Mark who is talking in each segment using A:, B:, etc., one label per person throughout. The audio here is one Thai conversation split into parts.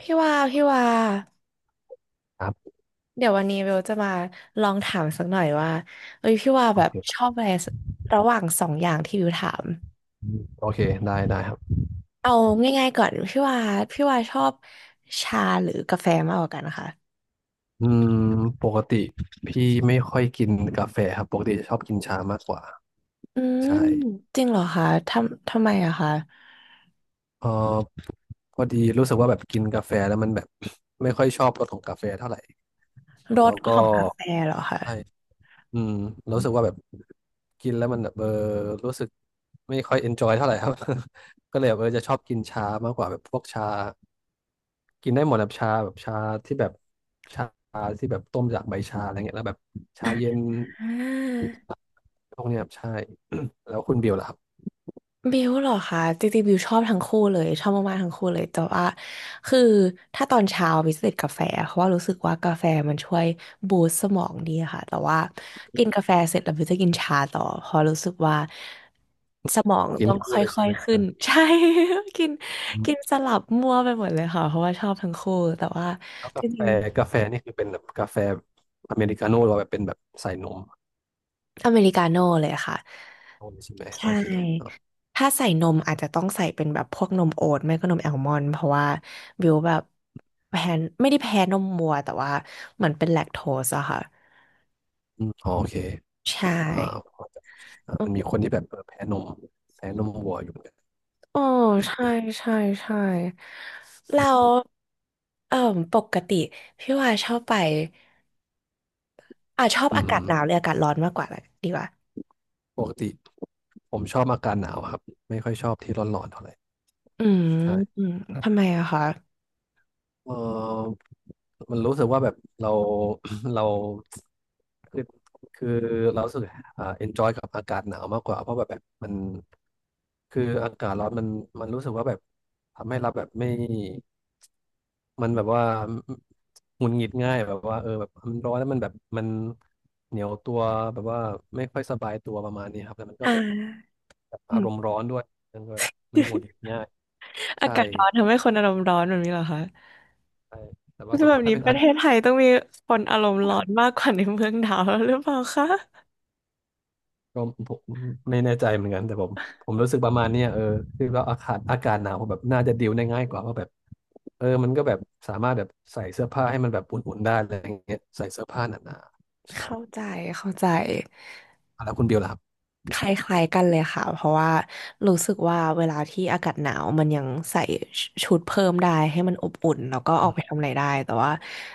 A: พี่ว่า
B: ครับ
A: เดี๋ยววันนี้เบลจะมาลองถามสักหน่อยว่าเอ้ยพี่ว่า
B: โอ
A: แบบ
B: เค
A: ชอบอะไรระหว่างสองอย่างที่บิวถาม
B: อืมโอเคได้ได้ครับ
A: เอาง่ายๆก่อนพี่ว่าชอบชาหรือกาแฟมากกว่ากันนะคะ
B: อืมปกติพี่ไม่ค่อยกินกาแฟครับปกติจะชอบกินชามากกว่า
A: อืม
B: ใช่
A: จริงเหรอคะทำไมอะคะ
B: เออพอดีรู้สึกว่าแบบกินกาแฟแล้วมันแบบ ไม่ค่อยชอบรสของกาแฟเท่าไหร่
A: ร
B: แล้
A: ส
B: ว
A: ข
B: ก็
A: องกาแฟเหรอคะ
B: ใช่อืมรู้สึกว่าแบบกินแล้วมันแบบรู้สึกไม่ค่อยเอนจอยเท่าไหร่ครับ ก็เลยแบบจะชอบกินชามากกว่าแบบพวกชา กินได้หมดแบบชาที่แบบชาที่แบบต้มจากใบชาอะไรเงี้ยแล้วแบบชาเย็น
A: อ่า
B: พวกเนี้ยครับใช่ แล้วคุณบิวล่ะครับ
A: บิวเหรอคะจริงๆบิวชอบทั้งคู่เลยชอบมากๆทั้งคู่เลยแต่ว่าคือถ้าตอนเช้าบิวจะติดกาแฟเพราะว่ารู้สึกว่ากาแฟมันช่วยบูสต์สมองดีค่ะแต่ว่ากินกาแฟเสร็จแล้วบิวจะกินชาต่อเพราะรู้สึกว่าสมอง
B: กิน
A: ต้องค
B: คู่เลย
A: ่
B: ใช่
A: อย
B: ไหม
A: ๆขึ้น ใช่ กิน
B: อื
A: กิน
B: ม
A: สลับมั่วไปหมดเลยค่ะเพราะว่าชอบทั้งคู่แต่ว่า
B: แล้ว
A: จ
B: กาแฟ
A: ริง
B: กาแฟนี่คือเป็นแบบกาแฟอเมริกาโน่หรือว่าแบบเป็นแบบใส่นม
A: ๆอเมริกาโน่เลยค่ะ
B: โน่เลยใช่ไหม
A: ใช
B: โอเคอ่า
A: ่ ถ้าใส่นมอาจจะต้องใส่เป็นแบบพวกนมโอ๊ตไม่ก็นมแอลมอนด์เพราะว่าบิวแบบแพ้ไม่ได้แพ้นมวัวแต่ว่าเหมือนเป็นแลคโตสอะค่ะ
B: อมโอเค
A: ใช่
B: อ่าพอจะ
A: อื
B: มันมี
A: ม
B: คนที่แบบแพ้นมแพ้นมวัวอยู่เหมือนกัน
A: โอ้ใช่ใช่ใช่แล้วเอ่อปกติพี่ว่าชอบไปชอบ
B: อื
A: อากาศ
B: ม
A: หนาวหรืออากาศร้อนมากกว่าดีกว่า
B: ปกติผมชอบอากาศหนาวครับไม่ค่อยชอบที่ร้อนๆเท่าไหร่
A: อืม
B: ใช่
A: อืมทำไมอะคะ
B: เออ มันรู้สึกว่าแบบเรา เราคือคือเรารู้สึกenjoy กับอากาศหนาวมากกว่าเพราะแบบมันคืออากาศร้อนมันรู้สึกว่าแบบทำให้เราแบบไม่มันแบบว่าหงุดหงิดง่ายแบบว่าแบบมันร้อนแล้วมันแบบมันเหนียวตัวแบบว่าไม่ค่อยสบายตัวประมาณนี้ครับแล้วมันก็
A: อ่
B: แบบ
A: า
B: แบบ
A: อื
B: อา
A: ม
B: รมณ์ร้อนด้วยมันก็แบบมันหงุดหงิด ง่าย
A: อา
B: ใช่
A: กาศร้อนทำให้คนอารมณ์ร้อนแบบนี้เหรอคะ
B: ใช่แต่ว่า
A: คื
B: แบ
A: อ
B: บ
A: แบบ
B: ถ้า
A: นี้
B: เป็น
A: ประ
B: อา
A: เท
B: กา
A: ศ
B: ศ
A: ไทยต้องมีคนอารมณ์ร้อนมากกว่าในเมืองหนาวแล้วหรือเปล่าคะ
B: ก็ผมไม่แน่ใจเหมือนกันแต่ผมรู้สึกประมาณเนี้ยคือว่าอากาศหนาวแบบน่าจะดิวได้ง่ายกว่าว่าแบบมันก็แบบสามารถแบบใส่เสื้อผ้าให้มันแบบอุ่นๆได้อะไรอย่างเงี้ยใส่เสื้อผ้าหนาๆใช่
A: เข้าใจเข้าใจ
B: แล้วคุณบิวล่ะครับ
A: คล้ายๆกันเลยค่ะเพราะว่ารู้สึกว่าเวลาที่อากาศหนาวมันยังใส่ชุดเพิ่มได้ให้มันอบอุ่นแล้วก็ออกไปทำอะไรได้แต่ว่า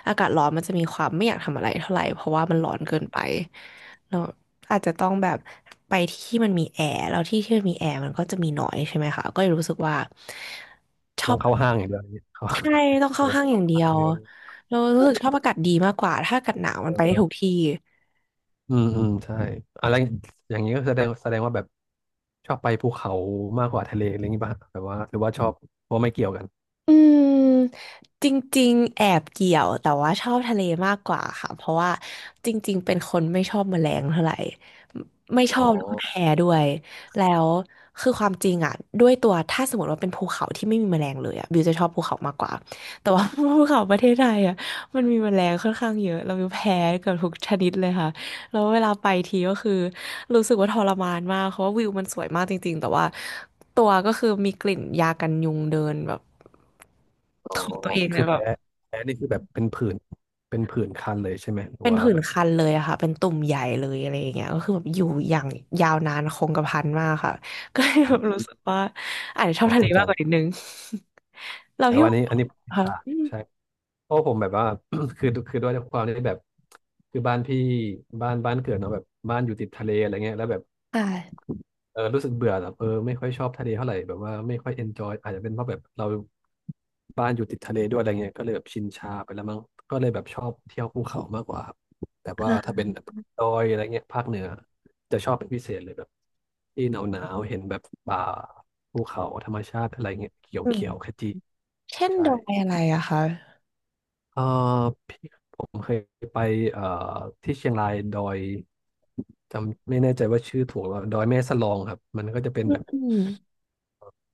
A: อากาศร้อนมันจะมีความไม่อยากทำอะไรเท่าไหร่เพราะว่ามันร้อนเกินไปเราอาจจะต้องแบบไปที่มันมีแอร์แล้วที่มันมีแอร์มันก็จะมีน้อยใช่ไหมคะก็เลยรู้สึกว่าชอ
B: ต้อ
A: บ
B: งเข้าห้างอย่างเดียวอย่างเงี้ยเข้า
A: ใช่ต้องเข้า
B: เดิน
A: ห้างอ
B: เข้า
A: ย่างเดี
B: ห้า
A: ย
B: ง
A: ว
B: เดิน
A: เรารู้สึกชอบอากาศดีมากกว่าถ้าอากาศหนาว
B: เอ
A: มันไป
B: อ
A: ได้
B: เออ
A: ทุกที่
B: อืมใช่อะไรอย่างนี้ก็แสดงว่าแบบชอบไปภูเขามากกว่าทะเลอะไรอย่างงี้ป่ะแบบว่าหรือว่าชอบว่าไม่เกี่ยวกัน
A: อืมจริงๆแอบเกี่ยวแต่ว่าชอบทะเลมากกว่าค่ะเพราะว่าจริงๆเป็นคนไม่ชอบแมลงเท่าไหร่ไม่
B: อ๋
A: ชอ
B: อ
A: บแล้วก็แพ้ด้วยแล้วคือความจริงอ่ะด้วยตัวถ้าสมมติว่าเป็นภูเขาที่ไม่มีแมลงเลยอ่ะบิวจะชอบภูเขามากกว่าแต่ว่า ภูเขาประเทศไทยอ่ะมันมีแมลงค่อนข้างเยอะเราแพ้เกือบทุกชนิดเลยค่ะแล้วเวลาไปทีก็คือรู้สึกว่าทรมานมากเพราะว่าวิวมันสวยมากจริงๆแต่ว่าตัวก็คือมีกลิ่นยากันยุงเดินแบบ
B: อ๋อ
A: ของตัวเอง
B: คื
A: เนี่
B: อ
A: ยแบบ
B: แพ้แพ้นี่คือแบบเป็นผื่นเป็นผื่นคันเลยใช่ไหมหรือ
A: เป็น
B: ว่า
A: ผื่น
B: แบบ
A: คันเลยอะค่ะเป็นตุ่มใหญ่เลยอะไรอย่างเงี้ยก็คือแบบอยู่อย่างยาวนานคงกระพันมากค่ะ ก็เลยแบบรู้สึกว่าอาจจะชอ
B: พ
A: บ
B: อ
A: ทะเล
B: เข้าใจ
A: มากกว่านิดนึง เรา
B: แต่
A: พี่
B: ว่าอัน
A: ว่า
B: นี้อันนี้
A: ค่ะ
B: ตา
A: อื
B: ใช่
A: ม
B: เพราะผมแบบว่า คือด้วยความที่แบบคือบ้านพี่บ้านเกิดเนาะแบบบ้านอยู่ติดทะเลอะไรเงี้ยแล้วแบบ
A: ค่ะ
B: รู้สึกเบื่อแบบไม่ค่อยชอบทะเลเท่าไหร่แบบว่าไม่ค่อยเอนจอยอาจจะเป็นเพราะแบบเราบ้านอยู่ติดทะเลด้วยอะไรเงี้ยก็เลยแบบชินชาไปแล้วมั้งก็เลยแบบชอบเที่ยวภูเขามากกว่าครับแบบว่า
A: อ่า
B: ถ้าเป็นแบบดอยอะไรเงี้ยภาคเหนือจะชอบเป็นพิเศษเลยแบบที่หนาวหนาวเห็นแบบป่าภูเขาธรรมชาติอะไรเงี้ยเขียว
A: อื
B: เขียวข
A: ม
B: จี
A: เช่น
B: ใช่
A: ดอยอะไรอะคะ
B: เออพี่ผมเคยไปเอ่อที่เชียงรายดอยจำไม่แน่ใจว่าชื่อถูกหรือเปล่าดอยแม่สลองครับมันก็จะเป็น
A: อื
B: แบ
A: ม
B: บ
A: อืม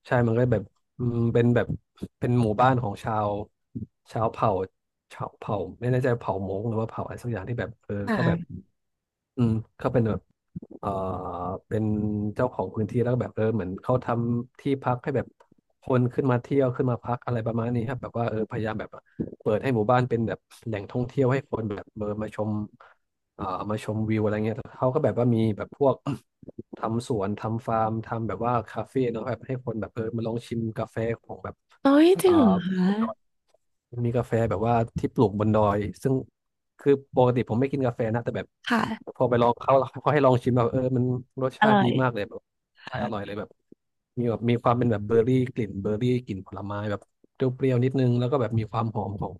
B: ใช่มันก็แบบอืมเป็นแบบ เป็นหมู่บ้านของชาว ชาวเผ่าชาวเผ่าไม่แน่ใจเผ่ามงหรือว่าเผ่าอะไรสักอย่างที่แบบเขาแบบ
A: ค่ะ
B: อืมเขาเป็นแบบเอ่อเป็นเจ้าของพื้นที่แล้วก็แบบเหมือนเขาทำที่พักให้แบบคนขึ้นมาเที่ยวขึ้นมาพักอะไรประมาณนี้ครับแบบว่าพยายามแบบเปิดให้หมู่บ้านเป็นแบบแหล่งท่องเที่ยวให้คนแบบมาชมเอ่อมาชมวิวอะไรเงี้ยแล้วเขาก็แบบว่ามีแบบพวก ทำสวนทำฟาร์มทำแบบว่าคาเฟ่เนาะแบบให้คนแบบมาลองชิมกาแฟของแบบ
A: โอ้ยจ
B: เอ่
A: ริ
B: อ
A: งเหรอคะ
B: มีกาแฟแบบว่าที่ปลูกบนดอยซึ่งคือปกติผมไม่กินกาแฟนะแต่แบบพ
A: ค่ะ
B: อไปลองเขาเขาให้ลองชิมแบบมันรส
A: อ
B: ชา
A: ร่
B: ติ
A: อ
B: ดี
A: ย
B: มากเลยแบบใช่อร่อยเล
A: ค่ะ
B: ยแบบมีแบบมีความเป็นแบบเบอร์รี่กลิ่นเบอร์รี่กลิ่นผลไม้แบบเปรี้ยวๆนิดนึงแล้วก็แบบมีความหอมของ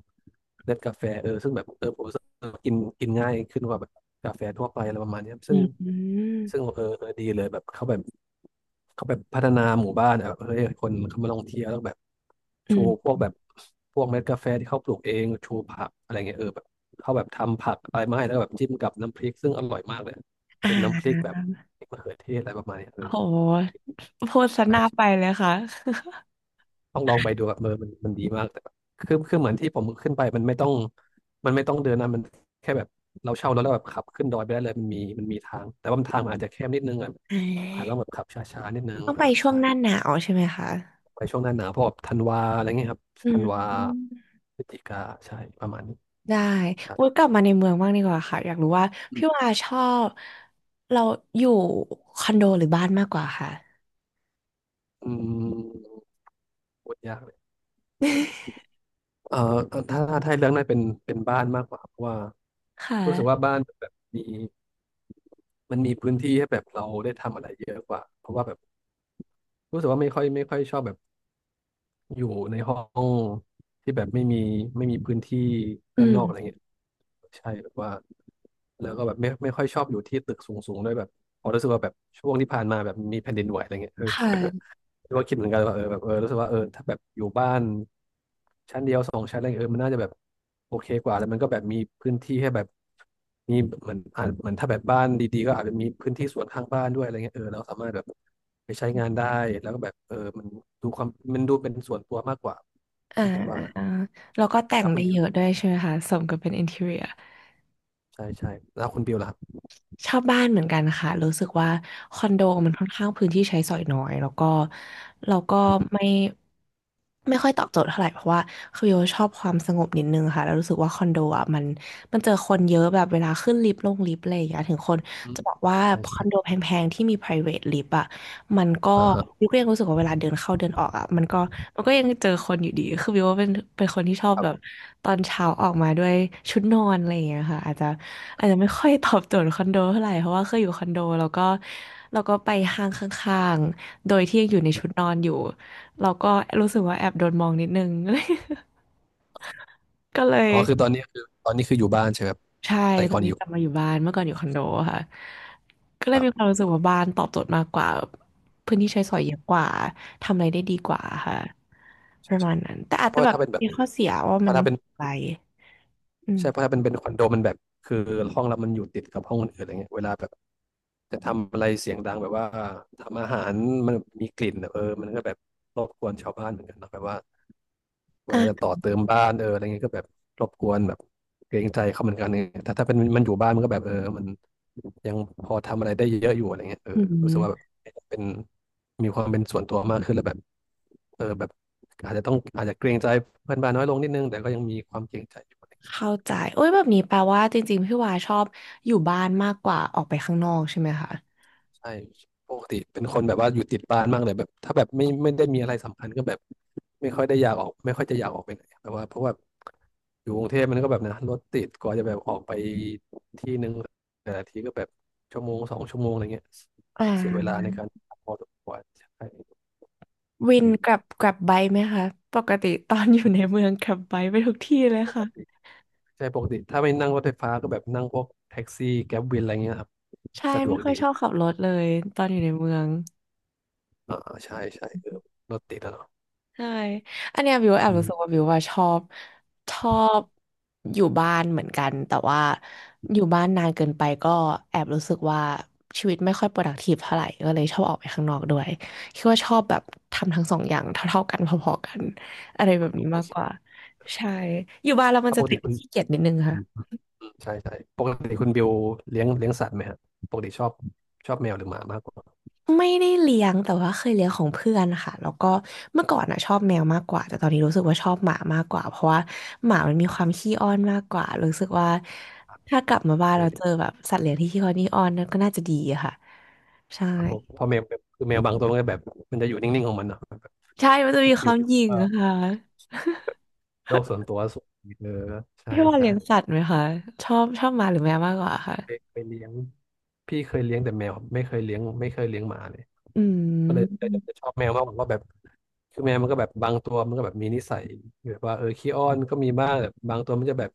B: เมล็ดกาแฟซึ่งแบบผม กินกินง่ายขึ้นกว่าแบบกาแฟทั่วไปอะไรประมาณเนี้ย
A: อื
B: ซึ่ง
A: มอืม
B: เออดีเลยแบบเขาแบบเขาแบบพัฒนาหมู่บ้านอะแบบเฮ้ยคนเขามาลองเที่ยวแล้วแบบชูพ
A: อ
B: วกแบบพวกเม็ดกาแฟที่เขาปลูกเองชูผักอะไรเงี้ยแบบเขาแบบทำผักอะไรมาให้แล้วแบบจิ้มกับน้ำพริกซึ่งอร่อยมากเลยเป็นน้ำพ
A: ่า
B: ริกแบบพริกมะเขือเทศอะไรประมาณเนี้ย
A: โหพูดซะห
B: ใช่
A: น้าไปเลยค่ะ
B: ต้องลองไปดูอะเออมันดีมากแต่แบบคือเหมือนที่ผมขึ้นไปมันไม่ต้องเดินนะมันแค่แบบเราเช่ารถแล้วแบบขับขึ้นดอยไปได้เลยมันมีทางแต่ว่ามันทางมันอาจจะแคบนิดนึงอ่ะ
A: อ่
B: อาจจะต้อง
A: า
B: แบบขับช้าๆนิดนึง
A: ต้องไป
B: อ่ะ
A: ช่วง
B: ใช่
A: หน้าหนาวใช่ไหมคะ
B: ไปช่วงหน้าหนาวพวกแบบธันวาอะไรเงี้ยครับ
A: อื
B: ธันวา
A: ม
B: พฤศจิกาใช่ประมาณนี้
A: ได้
B: ใช่
A: อุ้ยกลับมาในเมืองบ้างดีกว่าค่ะอยากรู้ว่า
B: อื
A: พี่
B: ม
A: วาชอบเราอยู่คอนโดหรือบ้านมากกว่าค่ะ
B: อืมพูดยาก เอ่อถ้าให้เลือกน่าเป็นบ้านมากกว่าเพราะว่า
A: ค
B: รู้สึกว่า
A: ่ะ
B: บ้านแบบมันมีพื้นที่ให้แบบเราได้ทำอะไรเยอะกว่าเพราะว่าแบบรู้สึกว่าไม่ค่อยชอบแบบอยู่ในห้องที่แบบไม่มีพื้นที่
A: อื
B: ด้านนอกอะไร
A: ม
B: เงี้ยใช่แบบว่าแล้วก็แบบไม่ค่อยชอบอยู่ที่ตึกสูงๆด้วยแบบพอรู้สึกว่าแบบช่วงที่ผ่านมาแบบมีแผ่นดินไหวอะไรเงี้ย เออ
A: ค่ะ
B: ก็คิดเหมือนกันว่าเออแบบเออรู้สึกว่าเออถ้าแบบอยู่บ้านชั้นเดียวสองชั้นอะไรเงี้ยเออมันน่าจะแบบโอเคกว่าแล้วมันก็แบบมีพื้นที่ให้แบบมีเหมือนอ่าเหมือนถ้าแบบบ้านดีๆก็อาจจะมีพื้นที่สวนข้างบ้านด้วยอะไรเงี้ยเออเราสามารถแบบไปใช้งานได้แล้วก็แบบเออดูความมันดูเป็นส่วนตัวมากกว่า
A: อ่า
B: พี่คิดว่านะ
A: อ่าแล้วก็แต่ง
B: นะคุ
A: ได้
B: ณบิ
A: เยอะ
B: ว
A: ด้วยใช่ไหมคะสมกับเป็นอินทีเรีย
B: ใช่ใช่แล้วคุณบิวล่ะครับ
A: ชอบบ้านเหมือนกันค่ะรู้สึกว่าคอนโดมันค่อนข้างพื้นที่ใช้สอยน้อยแล้วก็เราก็ไม่ไม่ค่อยตอบโจทย์เท่าไหร่เพราะว่าคือโยชอบความสงบนิดนึงค่ะแล้วรู้สึกว่าคอนโดอ่ะมันเจอคนเยอะแบบเวลาขึ้นลิฟต์ลงลิฟต์อะไรอย่างเงี้ยถึงคน
B: อื
A: จะ
B: ม
A: บอกว่า
B: ใช่
A: คอนโด
B: ใช่
A: แพงๆที่มี private lift อ่ะ มันก็
B: อ่าฮะ
A: วิวก็ยังรู้สึกว่าเวลาเดินเข้าเดินออกอ่ะมันก็ยังเจอคนอยู่ดีคือวิวว่าเป็นคนที่ชอบ
B: ครั
A: แบบ
B: บ
A: ตอนเช้าออกมาด้วยชุดนอนอะไรอย่างเงี้ยค่ะอาจจะไม่ค่อยตอบโจทย์คอนโดเท่าไหร่เพราะว่าเคยอยู่คอนโดแล้วก็ไปห้างข้างๆโดยที่ยังอยู่ในชุดนอนอยู่เราก็รู้สึกว่าแอบโดนมองนิดนึง ก็เลย
B: อ๋อคือตอนนี้อยู่บ้านใช่ไหมครับ
A: ใช่
B: แต่
A: ตอ
B: ก่
A: น
B: อน
A: นี้
B: อยู่
A: กลับมาอยู่บ้านเมื่อก่อนอยู่คอนโดค่ะก็เล
B: ค
A: ย
B: รั
A: มีค
B: บ
A: วามรู้สึกว่าบ้านตอบโจทย์มากกว่าพื้นที่ใช้สอยเยอะกว่าทำอะไรได้ดีกว่าค่ะประมาณนั้นแต่อาจ
B: เพ
A: จะ
B: ราะ
A: แบ
B: ว่า
A: บมีข้อเสียว่ามันต้
B: ถ้า
A: อง
B: เป็น
A: ไกลอืม
B: ใช่เพราะถ้าเป็นคอนโดมันแบบคือห้องเรามันอยู่ติดกับห้องคนอื่นอะไรเงี้ยเวลาแบบจะทำอะไรเสียงดังแบบว่าทำอาหารมันมีกลิ่นอะเออมันก็แบบรบกวนชาวบ้านเหมือนกันเนาะแบบว่าเวลาจะ
A: อ่ะ
B: ต่อเติมบ้านเอออะไรเงี้ยก็แบบรบกวนแบบเกรงใจเขาเหมือนกันเนี่ยถ้าเป็นมันอยู่บ้านมันก็แบบเออมันยังพอทำอะไรได้เยอะอยู่อะไรเงี้ยเออ
A: อื
B: รู้สึกว่าแบบ
A: ม
B: เป็นมีความเป็นส่วนตัวมากขึ้นแล้วแบบเออแบบอาจจะเกรงใจเพื่อนบ้านน้อยลงนิดนึงแต่ก็ยังมีความเกรงใจอยู่
A: เข้าใจโอ้ยแบบนี้แปลว่าจริงๆพี่วาชอบอยู่บ้านมากกว่าออกไปข้างนอกใช่ไหมคะ
B: ใช่ปกติเป็นคนแบบว่าอยู่ติดบ้านมากเลยแบบถ้าแบบไม่ได้มีอะไรสำคัญก็แบบไม่ค่อยได้อยากออกไม่ค่อยจะอยากออกไปไหนแบบว่าเพราะว่าอยู่กรุงเทพมันก็แบบนะรถติดกว่าจะแบบออกไปที่นึงแต่ละทีก็แบบชั่วโมงสองชั่วโมงอะไรเงี้ย
A: อ่
B: เสียเวลา
A: า
B: ในการพอสมควรใช่
A: วิน
B: อืม
A: กลับไบค์ไหมคะปกติตอนอยู่ในเมืองกลับไบค์ไปทุกที่เลย
B: ปก
A: ค่ะ
B: ติใช่ปกติถ้าไม่นั่งรถไฟฟ้าก็แบบนั่งพวกแท็กซี่แกร็บวินอะไรเงี้ยครับ
A: ใช่
B: สะด
A: ไม่
B: วก
A: ค่อย
B: ดี
A: ชอบขับรถเลยตอนอยู่ในเมือง
B: อ่าใช่ใช่เออรถติดอะเนาะ
A: ใช่อันเนี้ยบิวแอบ
B: อื
A: รู้สึ
B: ม
A: กว่าบิวว่าชอบชอบอยู่บ้านเหมือนกันแต่ว่าอยู่บ้านนานเกินไปก็แอบรู้สึกว่าชีวิตไม่ค่อย productive เท่าไหร่ก็เลยชอบออกไปข้างนอกด้วยคิดว่าชอบแบบทำทั้งสองอย่างเท่าๆกันพอๆกันอะไรแบบนี้
B: โอ
A: มากกว่า
B: เค
A: ใช่อยู่บ้านแล้วมัน
B: แล้ว
A: จะ
B: ปก
A: ติ
B: ติ
A: ด
B: คุณ
A: ขี้เกียจนิดนึงค่ะ
B: ใช่ใช่ปกติคุณบิวเลี้ยงสัตว์ไหมฮะปกติชอบชอบแมวหรือหมามากกว่า
A: ไม่ได้เลี้ยงแต่ว่าเคยเลี้ยงของเพื่อนค่ะแล้วก็เมื่อก่อนน่ะชอบแมวมากกว่าแต่ตอนนี้รู้สึกว่าชอบหมามากกว่าเพราะว่าหมามันมีความขี้อ้อนมากกว่ารู้สึกว่าถ้ากลับมา
B: โอ
A: บ้านเราเจอ
B: เค
A: แบบสัตว์เลี้ยงที่ขี้อ้อนนี่อ้อนนั่นก็น่าจะดีอะค่ะใช่
B: ครับเพราะแมวคือแมวบางตัวมันก็แบบมันจะอยู่นิ่งๆของมันเนาะแบบ
A: ใช่มันจะมีค
B: อยู่
A: วามหยิ่ง
B: เอ่อ
A: อะค่ะ
B: โลกส่วนตัวสูงเออใช่
A: พี่ว่า
B: ใช่
A: เลี้ยงสัตว์ไหมคะชอบหมาหรือแมวมากกว่าค่ะ
B: เคยเลี้ยงพี่เคยเลี้ยงแต่แมวไม่เคยเลี้ยงไม่เคยเลี้ยงหมาเลย
A: อื
B: ก็เลยจะ
A: ม
B: จะชอบแมวมากกว่าเพราะแบบคือแมวมันก็แบบบางตัวมันก็แบบมีนิสัยแบบว่าเออขี้อ้อนก็มีบ้างแบบบางตัวมันจะแบบ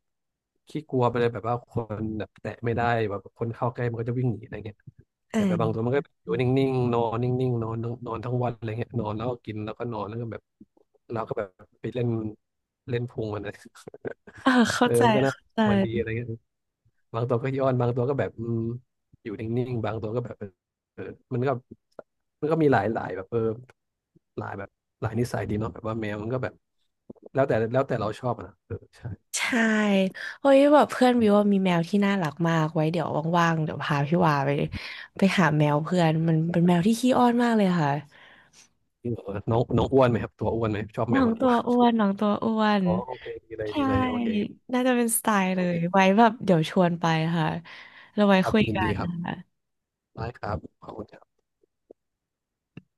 B: ขี้กลัวไปเลยแบบว่าคนแบบแตะไม่ได้แบบคนเข้าใกล้มันก็จะวิ่งหนีอะไรเงี้ย
A: อ
B: แต่แบบบางตัว
A: ่า
B: มันก็อยู่นิ่งๆนอนนิ่งๆนอนทั้งนอนทั้งวันอะไรเงี้ยนอนแล้วก็กินแล้วก็นอนแล้วก็แบบเราก็แบบไปเล่นเล่นพุงมันนะ
A: อ่า
B: เอ
A: เข้า
B: อ
A: ใจ
B: มันก็น่า
A: เข้า
B: มันดีอะ
A: ใจ
B: ไรเงี้ยบางตัวก็ย้อนบางตัวก็แบบอืมอยู่นิ่งๆบางตัวก็แบบเออมันก็มันก็มีหลายหลายแบบเออหลายแบบหลายนิสัยดีเนาะแบบว่าแมวมันก็แบบแล้วแต่เราชอบอะนะเออใช่
A: ใช่เฮ้ยแบบเพื่อนวิวว่ามีแมวที่น่ารักมากไว้เดี๋ยวว่างๆเดี๋ยวพาพี่วาไปหาแมวเพื่อนมันเป็นแมวที่ขี้อ้อนมากเลยค่ะ
B: จริงเหรอน้องน้องอ้วนไหมครับตัวอ้วนไหมชอบแม
A: น้อ
B: ว
A: ง
B: อ้วน
A: ตัวอ้วน
B: ๆ อ๋อโอเคดีเลยดี
A: ใช่
B: เลยโอเค
A: น่าจะเป็นสไตล์เล
B: โอ
A: ย
B: เค
A: ไว้แบบเดี๋ยวชวนไปค่ะเราไว้
B: ครับ
A: คุย
B: ยิน
A: กั
B: ดี
A: น
B: ครับ
A: ค่ะ
B: ได้ครับขอบคุณ